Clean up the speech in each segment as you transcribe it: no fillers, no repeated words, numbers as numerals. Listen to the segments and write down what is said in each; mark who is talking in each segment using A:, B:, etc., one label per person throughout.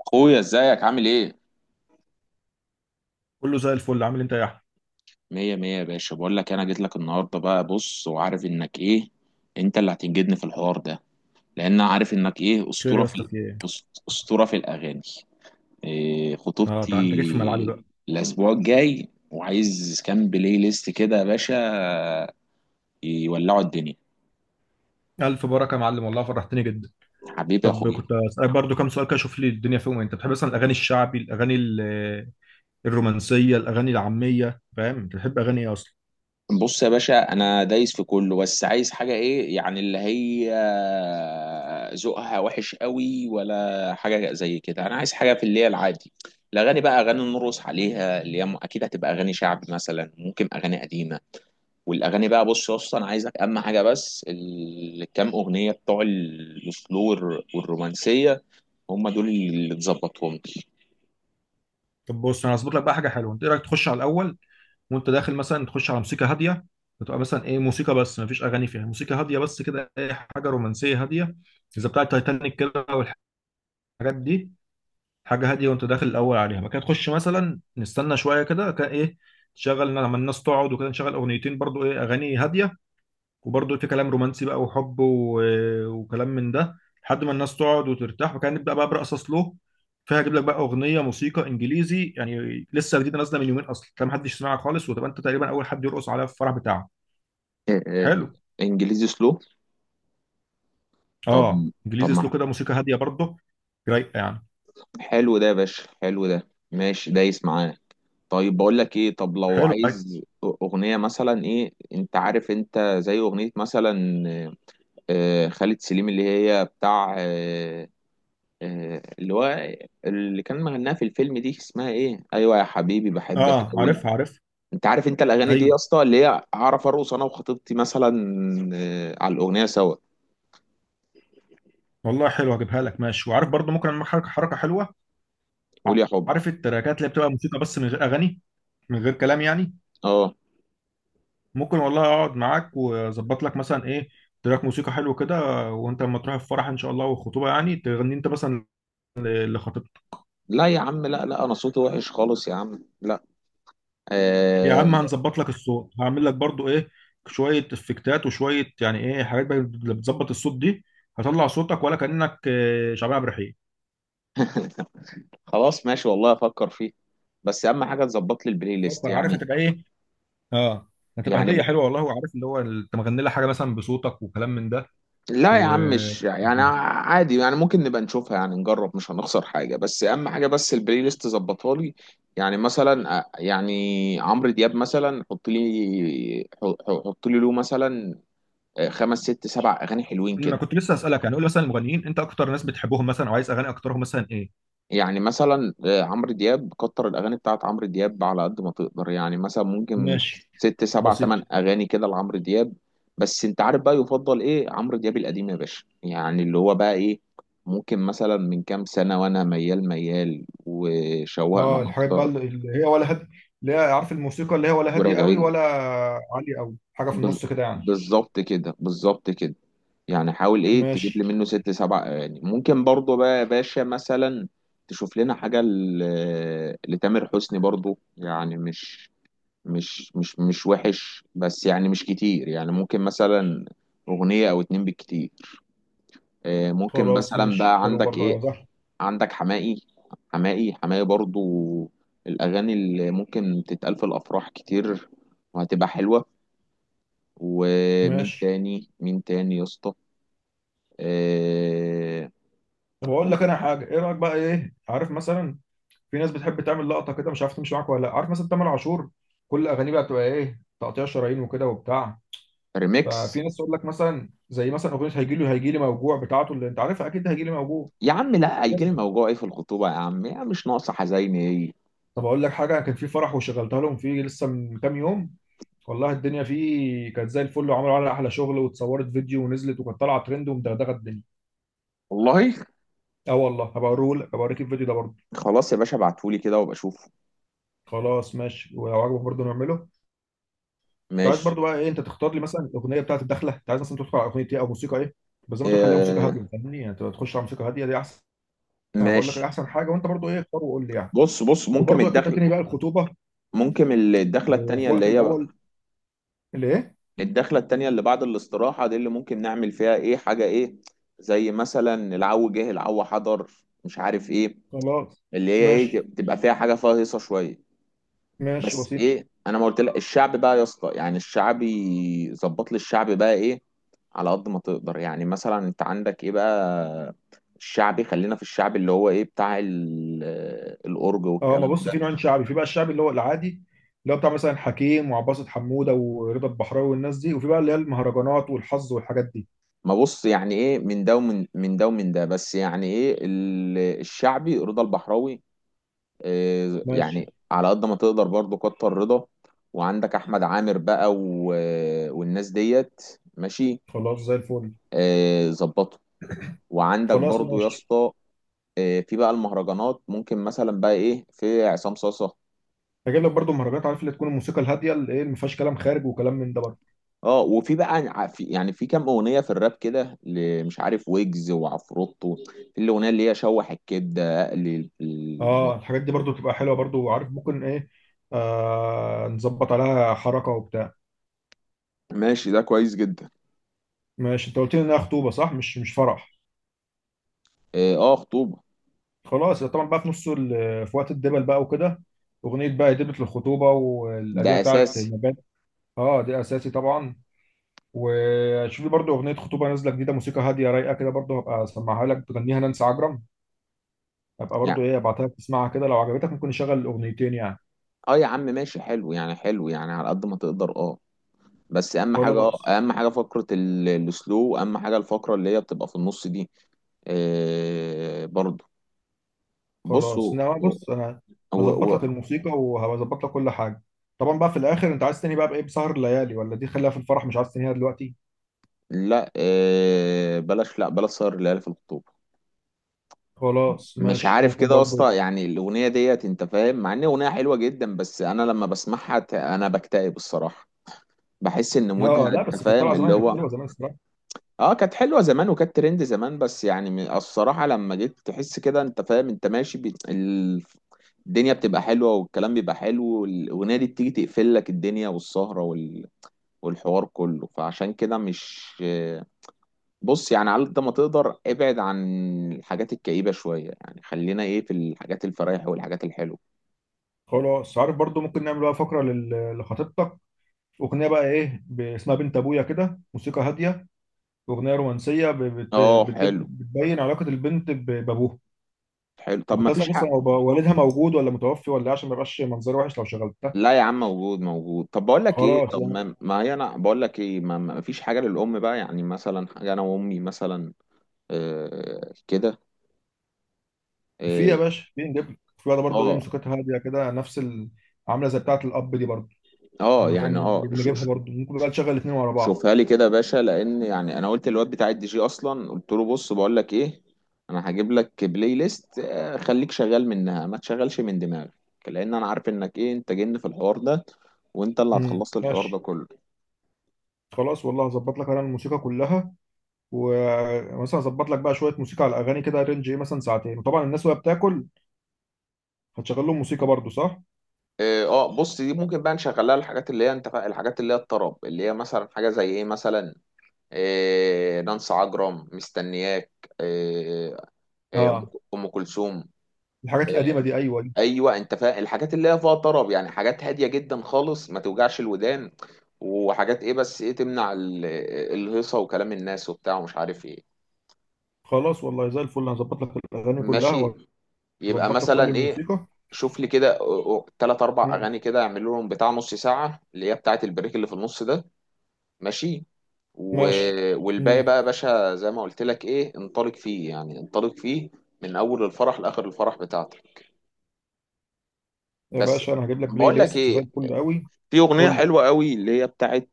A: اخويا، ازيك؟ عامل ايه؟
B: كله زي الفل، عامل إيه انت يا احمد؟
A: مية مية يا باشا، بقول لك انا جيت لك النهارده بقى. بص، وعارف انك ايه، انت اللي هتنجدني في الحوار ده. لان أنا عارف انك ايه
B: خير
A: اسطوره
B: يا
A: في
B: اسطى، في ايه؟
A: أس- اسطوره في الاغاني. إيه،
B: اه، انت جيت في ملعبي
A: خطوبتي
B: بقى.
A: الاسبوع الجاي، وعايز كام بلاي ليست كده يا باشا يولعوا الدنيا.
B: الف بركه يا معلم، والله فرحتني جدا.
A: حبيبي يا
B: طب
A: اخويا.
B: كنت اسالك برضو كام سؤال كده اشوف لي الدنيا فيهم ايه. انت بتحب مثلا الاغاني الشعبي، الرومانسيه، الاغاني العاميه، فاهم؟ انت بتحب اغاني ايه اصلا؟
A: بص يا باشا، انا دايس في كله، بس عايز حاجه ايه، يعني اللي هي ذوقها وحش قوي ولا حاجه زي كده. انا عايز حاجه في اللي هي العادي. الاغاني بقى، اغاني نرقص عليها، اللي هي اكيد هتبقى اغاني شعبي، مثلا ممكن اغاني قديمه. والاغاني بقى، بص يا اسطى، انا عايزك اهم حاجه بس الكام اغنيه بتوع السلو والرومانسيه، هم دول اللي تظبطهم لي.
B: طب بص، انا هظبط لك بقى حاجه حلوه. انت ايه رايك تخش على الاول، وانت داخل مثلا تخش على موسيقى هاديه. بتبقى مثلا ايه، موسيقى بس مفيش اغاني فيها، موسيقى هاديه بس كده، ايه، حاجه رومانسيه هاديه، زي بتاع تايتانيك كده والحاجات دي. حاجه هاديه وانت داخل الاول عليها ما كده، تخش مثلا، نستنى شويه كده كان ايه، تشغل لما الناس تقعد وكده. نشغل اغنيتين برضو ايه، اغاني هاديه وبرضو في كلام رومانسي بقى، وحب وكلام من ده، لحد ما الناس تقعد وترتاح وكان نبدا بقى برقص سلو. فيها اجيب لك بقى اغنيه موسيقى انجليزي، يعني لسه جديده نازله من يومين اصلا، كان محدش سمعها خالص، وتبقى انت تقريبا اول حد يرقص عليها في الفرح بتاعه.
A: إيه، إيه.
B: حلو.
A: انجليزي سلو. طب
B: اه
A: طب
B: انجليزي سلو
A: ما،
B: كده، موسيقى هاديه برضو، رايقه يعني.
A: حلو ده يا باشا، حلو ده، ماشي دايس معاه. طيب بقول لك ايه، طب لو
B: حلو، طيب.
A: عايز اغنيه مثلا ايه، انت عارف، انت زي اغنيه مثلا، خالد سليم اللي هي بتاع، اللي هو اللي كان مغناها في الفيلم، دي اسمها ايه؟ ايوه، يا حبيبي بحبك
B: اه،
A: قوي.
B: عارفها عارفها،
A: انت عارف انت الاغاني دي يا
B: ايوه.
A: اسطى، اللي هي اعرف ارقص انا وخطيبتي مثلا على الاغنيه سوا.
B: والله حلو، هجيبها لك ماشي. وعارف برضو ممكن اعمل حركه حركه حلوه.
A: قول يا حب.
B: عارف التراكات اللي بتبقى موسيقى بس من غير اغاني، من غير كلام يعني.
A: اه.
B: ممكن والله اقعد معاك واظبط لك مثلا ايه، تراك موسيقى حلو كده. وانت لما تروح الفرح ان شاء الله والخطوبه، يعني تغني انت مثلا لخطيبتك.
A: لا يا عم، لا، لا، انا صوتي وحش خالص يا عم، لا.
B: يا
A: آه
B: عم هنظبط لك الصوت، هعمل لك برضو ايه، شويه افكتات وشويه يعني ايه حاجات بقى اللي بتظبط الصوت دي، هطلع صوتك ولا كانك شعبان عبد الرحيم.
A: خلاص ماشي، والله افكر فيه. بس اهم حاجه تظبط لي البلاي ليست
B: فكر، عارف
A: يعني.
B: هتبقى ايه. اه، هتبقى
A: يعني
B: هديه حلوه والله. وعارف اللي هو انت مغني لها حاجه مثلا بصوتك وكلام من ده.
A: لا يا
B: و
A: عم، مش يعني عادي، يعني ممكن نبقى نشوفها، يعني نجرب، مش هنخسر حاجة. بس أهم حاجة، بس البلاي ليست ظبطها لي. يعني مثلا يعني عمرو دياب مثلا، حط لي، حط لي له مثلا خمس ست سبع أغاني حلوين
B: ما
A: كده.
B: كنت لسه اسالك يعني، قول مثلا المغنيين انت اكتر ناس بتحبهم مثلا، او عايز اغاني اكترهم مثلا ايه؟
A: يعني مثلا عمرو دياب، كتر الاغاني بتاعت عمرو دياب على قد ما تقدر، يعني مثلا ممكن
B: ماشي،
A: ست سبع
B: بسيط.
A: تمن اغاني كده لعمرو دياب. بس انت عارف بقى، يفضل ايه عمرو دياب القديم يا باشا، يعني اللي هو بقى ايه، ممكن مثلا من كام سنة، وانا ميال ميال، وشوقنا
B: اه، الحاجات بقى اللي
A: اكتر،
B: اللي هي، ولا هادي اللي هي، عارف الموسيقى اللي هي، ولا هادية قوي،
A: وراجعين.
B: ولا عالية قوي، حاجة في
A: بز-
B: النص كده يعني؟
A: بالظبط كده، بالظبط كده. يعني حاول ايه تجيب لي
B: ماشي.
A: منه ست سبع اغاني ممكن برضه بقى يا باشا. مثلا تشوف لنا حاجه لتامر حسني برضه، يعني مش وحش، بس يعني مش كتير. يعني ممكن مثلا اغنيه او اتنين بالكتير. ممكن
B: خلاص
A: مثلا
B: ماشي،
A: بقى،
B: حلو
A: عندك
B: برضه يا
A: ايه؟
B: زهر.
A: عندك حماقي؟ حماقي برضه، الاغاني اللي ممكن تتقال في الافراح كتير، وهتبقى حلوه. ومين
B: ماشي.
A: تاني؟ مين تاني يا اسطى؟ آه
B: طب اقول لك
A: ممكن.
B: انا حاجة، ايه رأيك بقى، ايه، عارف مثلا في ناس بتحب تعمل لقطة كده، مش عارف تمشي معاك ولا لا، عارف مثلا تامر عاشور، كل اغانيه بقى بتبقى ايه، تقطيع شرايين وكده وبتاع.
A: ريميكس.
B: ففي ناس تقول لك مثلا، زي مثلا اغنيه هيجي لي هيجي لي موجوع بتاعته، اللي انت عارفها اكيد، هيجي لي موجوع.
A: يا عم لا،
B: بس.
A: هيجيلي موجوع ايه في الخطوبه يا عم؟ يا مش ناقصه حزيني ايه.
B: طب اقول لك حاجه، كان في فرح وشغلتها لهم فيه لسه من كام يوم، والله الدنيا فيه كانت زي الفل، وعملوا عليها احلى شغل، واتصورت فيديو ونزلت وكانت طالعه ترند ومدغدغه الدنيا.
A: والله.
B: اه والله، هبقى اوريه لك، هبقى اوريك الفيديو ده برضه.
A: خلاص يا باشا، ابعتهولي كده وابقى اشوفه.
B: خلاص ماشي، ولو عجبك برضه نعمله. كنت عايز
A: ماشي.
B: برضه بقى ايه، انت تختار لي مثلا الاغنيه بتاعت الدخله، انت عايز مثلا تدخل على اغنيه ايه او موسيقى ايه؟ بس زي ما تخليها موسيقى
A: آه
B: هاديه، فاهمني يعني، انت تخش على موسيقى هاديه دي احسن. انا بقول لك
A: ماشي.
B: احسن حاجه، وانت برضه ايه اختار وقول لي يعني.
A: بص ممكن
B: وبرضه اكيد هتنهي بقى الخطوبه.
A: ممكن الدخله التانيه
B: في
A: اللي
B: وقت
A: هي،
B: الاول. ليه؟
A: الدخله التانيه اللي بعد الاستراحه دي، اللي ممكن نعمل فيها ايه، حاجه ايه زي مثلا العو جه العو حضر، مش عارف ايه،
B: خلاص
A: اللي هي ايه
B: ماشي.
A: تبقى فيها حاجه فيها هيصه شويه.
B: ماشي،
A: بس
B: بسيط.
A: ايه، انا ما قلت لك الشعب بقى يا اسطى؟ يعني الشعبي ظبط لي الشعب بقى ايه على قد ما تقدر. يعني مثلا انت عندك ايه بقى الشعبي؟ خلينا في الشعب اللي هو ايه بتاع الأورج
B: اه، ما
A: والكلام
B: بص،
A: ده.
B: في نوعين شعبي. في بقى الشعبي اللي هو العادي، اللي هو بتاع مثلا حكيم وعباسة حمودة ورضا البحراوي والناس دي، وفي بقى اللي هي المهرجانات والحظ والحاجات دي.
A: ما بص، يعني ايه من ده ومن ده ومن ده بس، يعني ايه الشعبي رضا البحراوي. إيه،
B: ماشي.
A: يعني على قد ما تقدر برضه كتر رضا. وعندك احمد عامر بقى والناس ديت. ماشي.
B: خلاص زي الفل.
A: إيه، ظبطوا. وعندك
B: خلاص
A: برضو يا
B: ماشي،
A: اسطى في بقى المهرجانات، ممكن مثلا بقى ايه، في عصام صاصة.
B: هجيب لك برضه مهرجانات، عارف اللي تكون الموسيقى الهاديه اللي ايه، ما فيهاش كلام خارج وكلام من ده برضه.
A: اه، وفي بقى في يعني في كام اغنيه في الراب كده مش عارف، ويجز وعفروتو. في الاغنيه اللي هي شوح الكبده اقلي
B: اه
A: البط.
B: الحاجات دي برضه بتبقى حلوه برضه، وعارف ممكن ايه، نظبط عليها حركه وبتاع.
A: ماشي، ده كويس جدا.
B: ماشي، انت قلت لي انها خطوبه صح، مش فرح؟
A: اه، خطوبه.
B: خلاص طبعا، بقى في وقت الدبل بقى وكده، اغنيه بقى دبله الخطوبه
A: ده
B: والقديمه بتاعت
A: اساسي.
B: نجاة. اه دي اساسي طبعا. وشوفي برضو اغنيه خطوبه نازله جديده، موسيقى هاديه رايقه كده برضو، هبقى اسمعها لك، بتغنيها نانسي عجرم. هبقى برضو
A: يعني
B: ايه ابعتها لك تسمعها كده، لو عجبتك ممكن نشغل الاغنيتين يعني.
A: اه، يا عم ماشي، حلو يعني، حلو يعني على قد ما تقدر، اه. بس اهم حاجه، اه
B: خلاص.
A: اهم حاجه فقره السلو، اهم حاجه الفقره اللي هي بتبقى في النص دي برضو.
B: خلاص
A: بصوا.
B: انما بص انا،
A: هو
B: هظبط لك
A: هو.
B: الموسيقى وهظبط لك كل حاجه. طبعا بقى في الاخر، انت عايز تاني بقى بايه، بسهر الليالي، ولا دي خليها في الفرح مش عايز تنهيها دلوقتي؟
A: لا، بلاش، لا بلاش سهر الليالي في الخطوبه.
B: خلاص
A: مش
B: ماشي،
A: عارف
B: ممكن
A: كده يا
B: برضو.
A: اسطى، يعني الاغنيه ديت انت فاهم، مع ان اغنيه حلوه جدا، بس انا لما بسمعها انا بكتئب الصراحه، بحس ان
B: اه،
A: مودها
B: لا
A: انت
B: بس كانت
A: فاهم
B: طالعه
A: اللي
B: زمان، كانت
A: هو.
B: حلوه زمان الصراحه.
A: اه، كانت حلوه زمان، وكانت ترند زمان، بس يعني الصراحه لما جيت تحس كده انت فاهم، انت ماشي الدنيا بتبقى حلوه، والكلام بيبقى حلو، والاغنيه دي بتيجي تقفل لك الدنيا والسهره والحوار كله، فعشان كده مش، بص يعني على قد ما تقدر ابعد عن الحاجات الكئيبة شوية. يعني خلينا ايه في الحاجات الفرايح والحاجات الحلوة.
B: خلاص، عارف برضو ممكن نعمل بقى فقره لخطيبتك، اغنيه بقى ايه اسمها بنت ابويا كده، موسيقى هاديه، اغنيه رومانسيه
A: اه، حلو.
B: بتبين علاقه البنت بابوها.
A: حلو طب،
B: وكنت
A: ما فيش
B: اسال
A: حق.
B: اصلا، هو بقى والدها موجود ولا متوفي ولا إيه، عشان ما يبقاش منظر وحش لو شغلتها.
A: لا يا عم، موجود موجود. طب بقول لك ايه،
B: خلاص
A: طب
B: لا.
A: ما، ما هي، انا بقول لك ايه، ما فيش حاجة للأم بقى؟ يعني مثلا حاجة انا وامي مثلا. آه كده.
B: في
A: اه.
B: يا باشا، في نجيب لك في واحده برضو ايه،
A: اه،
B: موسيقتها هاديه كده، نفس. عامله زي بتاعه الاب دي برضو، يعني خلينا
A: يعني اه.
B: نجيبها برضو، ممكن بقى نشغل الاثنين ورا بعض.
A: شوفها لي كده يا باشا، لان يعني انا قلت للواد بتاع الدي جي اصلا، قلت له بص، بقول لك ايه، انا هجيب لك بلاي ليست، خليك شغال منها، ما تشغلش من دماغك. لان انا عارف انك ايه، انت جن في الحوار ده، وانت اللي هتخلص لي الحوار ده
B: ماشي.
A: كله.
B: خلاص والله هظبط لك انا الموسيقى كلها. ومثلا اظبط لك بقى شويه موسيقى على الاغاني كده، رينج ايه مثلا ساعتين، وطبعا الناس وهي بتاكل هتشغل لهم موسيقى برضو، صح؟
A: اه، بص دي ممكن بقى نشغلها، الحاجات اللي هي انت الحاجات اللي هي الطرب، اللي هي مثلا حاجه زي ايه مثلا نانسي عجرم مستنياك، آه آه ام
B: اه
A: أم كلثوم.
B: الحاجات
A: آه،
B: القديمه دي، ايوه دي.
A: ايوه، انت فاهم الحاجات اللي هي فيها طرب، يعني حاجات هاديه جدا خالص، ما توجعش الودان، وحاجات ايه بس ايه تمنع الهيصه وكلام الناس وبتاع ومش عارف ايه.
B: خلاص والله زي الفل، هظبط لك الاغاني كلها،
A: ماشي. يبقى
B: وهظبط لك كل
A: مثلا ايه،
B: الموسيقى.
A: شوف لي كده ثلاث اربع
B: مم.
A: اغاني كده، اعمل لهم بتاع نص ساعه، اللي هي بتاعه البريك اللي في النص ده. ماشي. و...
B: ماشي.
A: والباقي
B: مم.
A: بقى يا باشا زي ما قلت لك ايه انطلق فيه، يعني انطلق فيه من اول الفرح لاخر الفرح بتاعتك.
B: يا
A: بس
B: باشا، انا هجيب لك بلاي
A: بقول لك
B: ليست زي
A: ايه،
B: الفل قوي.
A: في اغنيه
B: قول لي.
A: حلوه قوي اللي هي بتاعه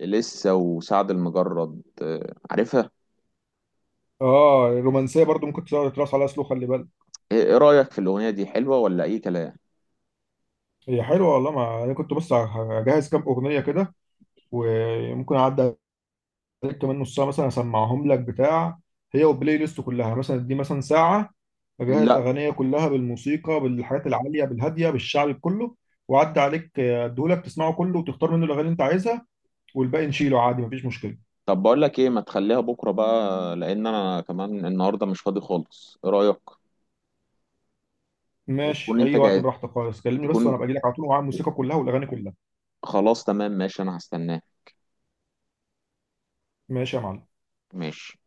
A: لسه وسعد المجرد، عارفها؟
B: اه الرومانسيه برضو ممكن تقعد تراس عليها سلو، خلي بالك.
A: ايه، إيه رأيك في الأغنية دي؟ حلوة ولا اي كلام؟
B: هي حلوه والله، ما انا كنت بس هجهز كام اغنيه كده، وممكن اعدي عليك كمان نص ساعه، مثلا اسمعهم لك بتاع. هي والبلاي ليست كلها مثلا دي مثلا ساعه. اجهز
A: لا.
B: اغنيه كلها بالموسيقى، بالحاجات العاليه، بالهاديه، بالشعبي كله، وعدي عليك، اديهولك تسمعه كله وتختار منه الاغاني اللي انت عايزها، والباقي نشيله عادي، مفيش مشكله.
A: طب بقول لك ايه، ما تخليها بكرة بقى، لأن انا كمان النهاردة مش فاضي خالص، ايه رأيك؟ وتكون
B: ماشي،
A: انت
B: اي وقت
A: جاي،
B: براحتك خالص، كلمني بس
A: تكون
B: وانا باجي لك على طول ومعايا الموسيقى كلها والاغاني كلها.
A: خلاص، تمام، ماشي، انا هستناك.
B: ماشي يا معلم.
A: ماشي.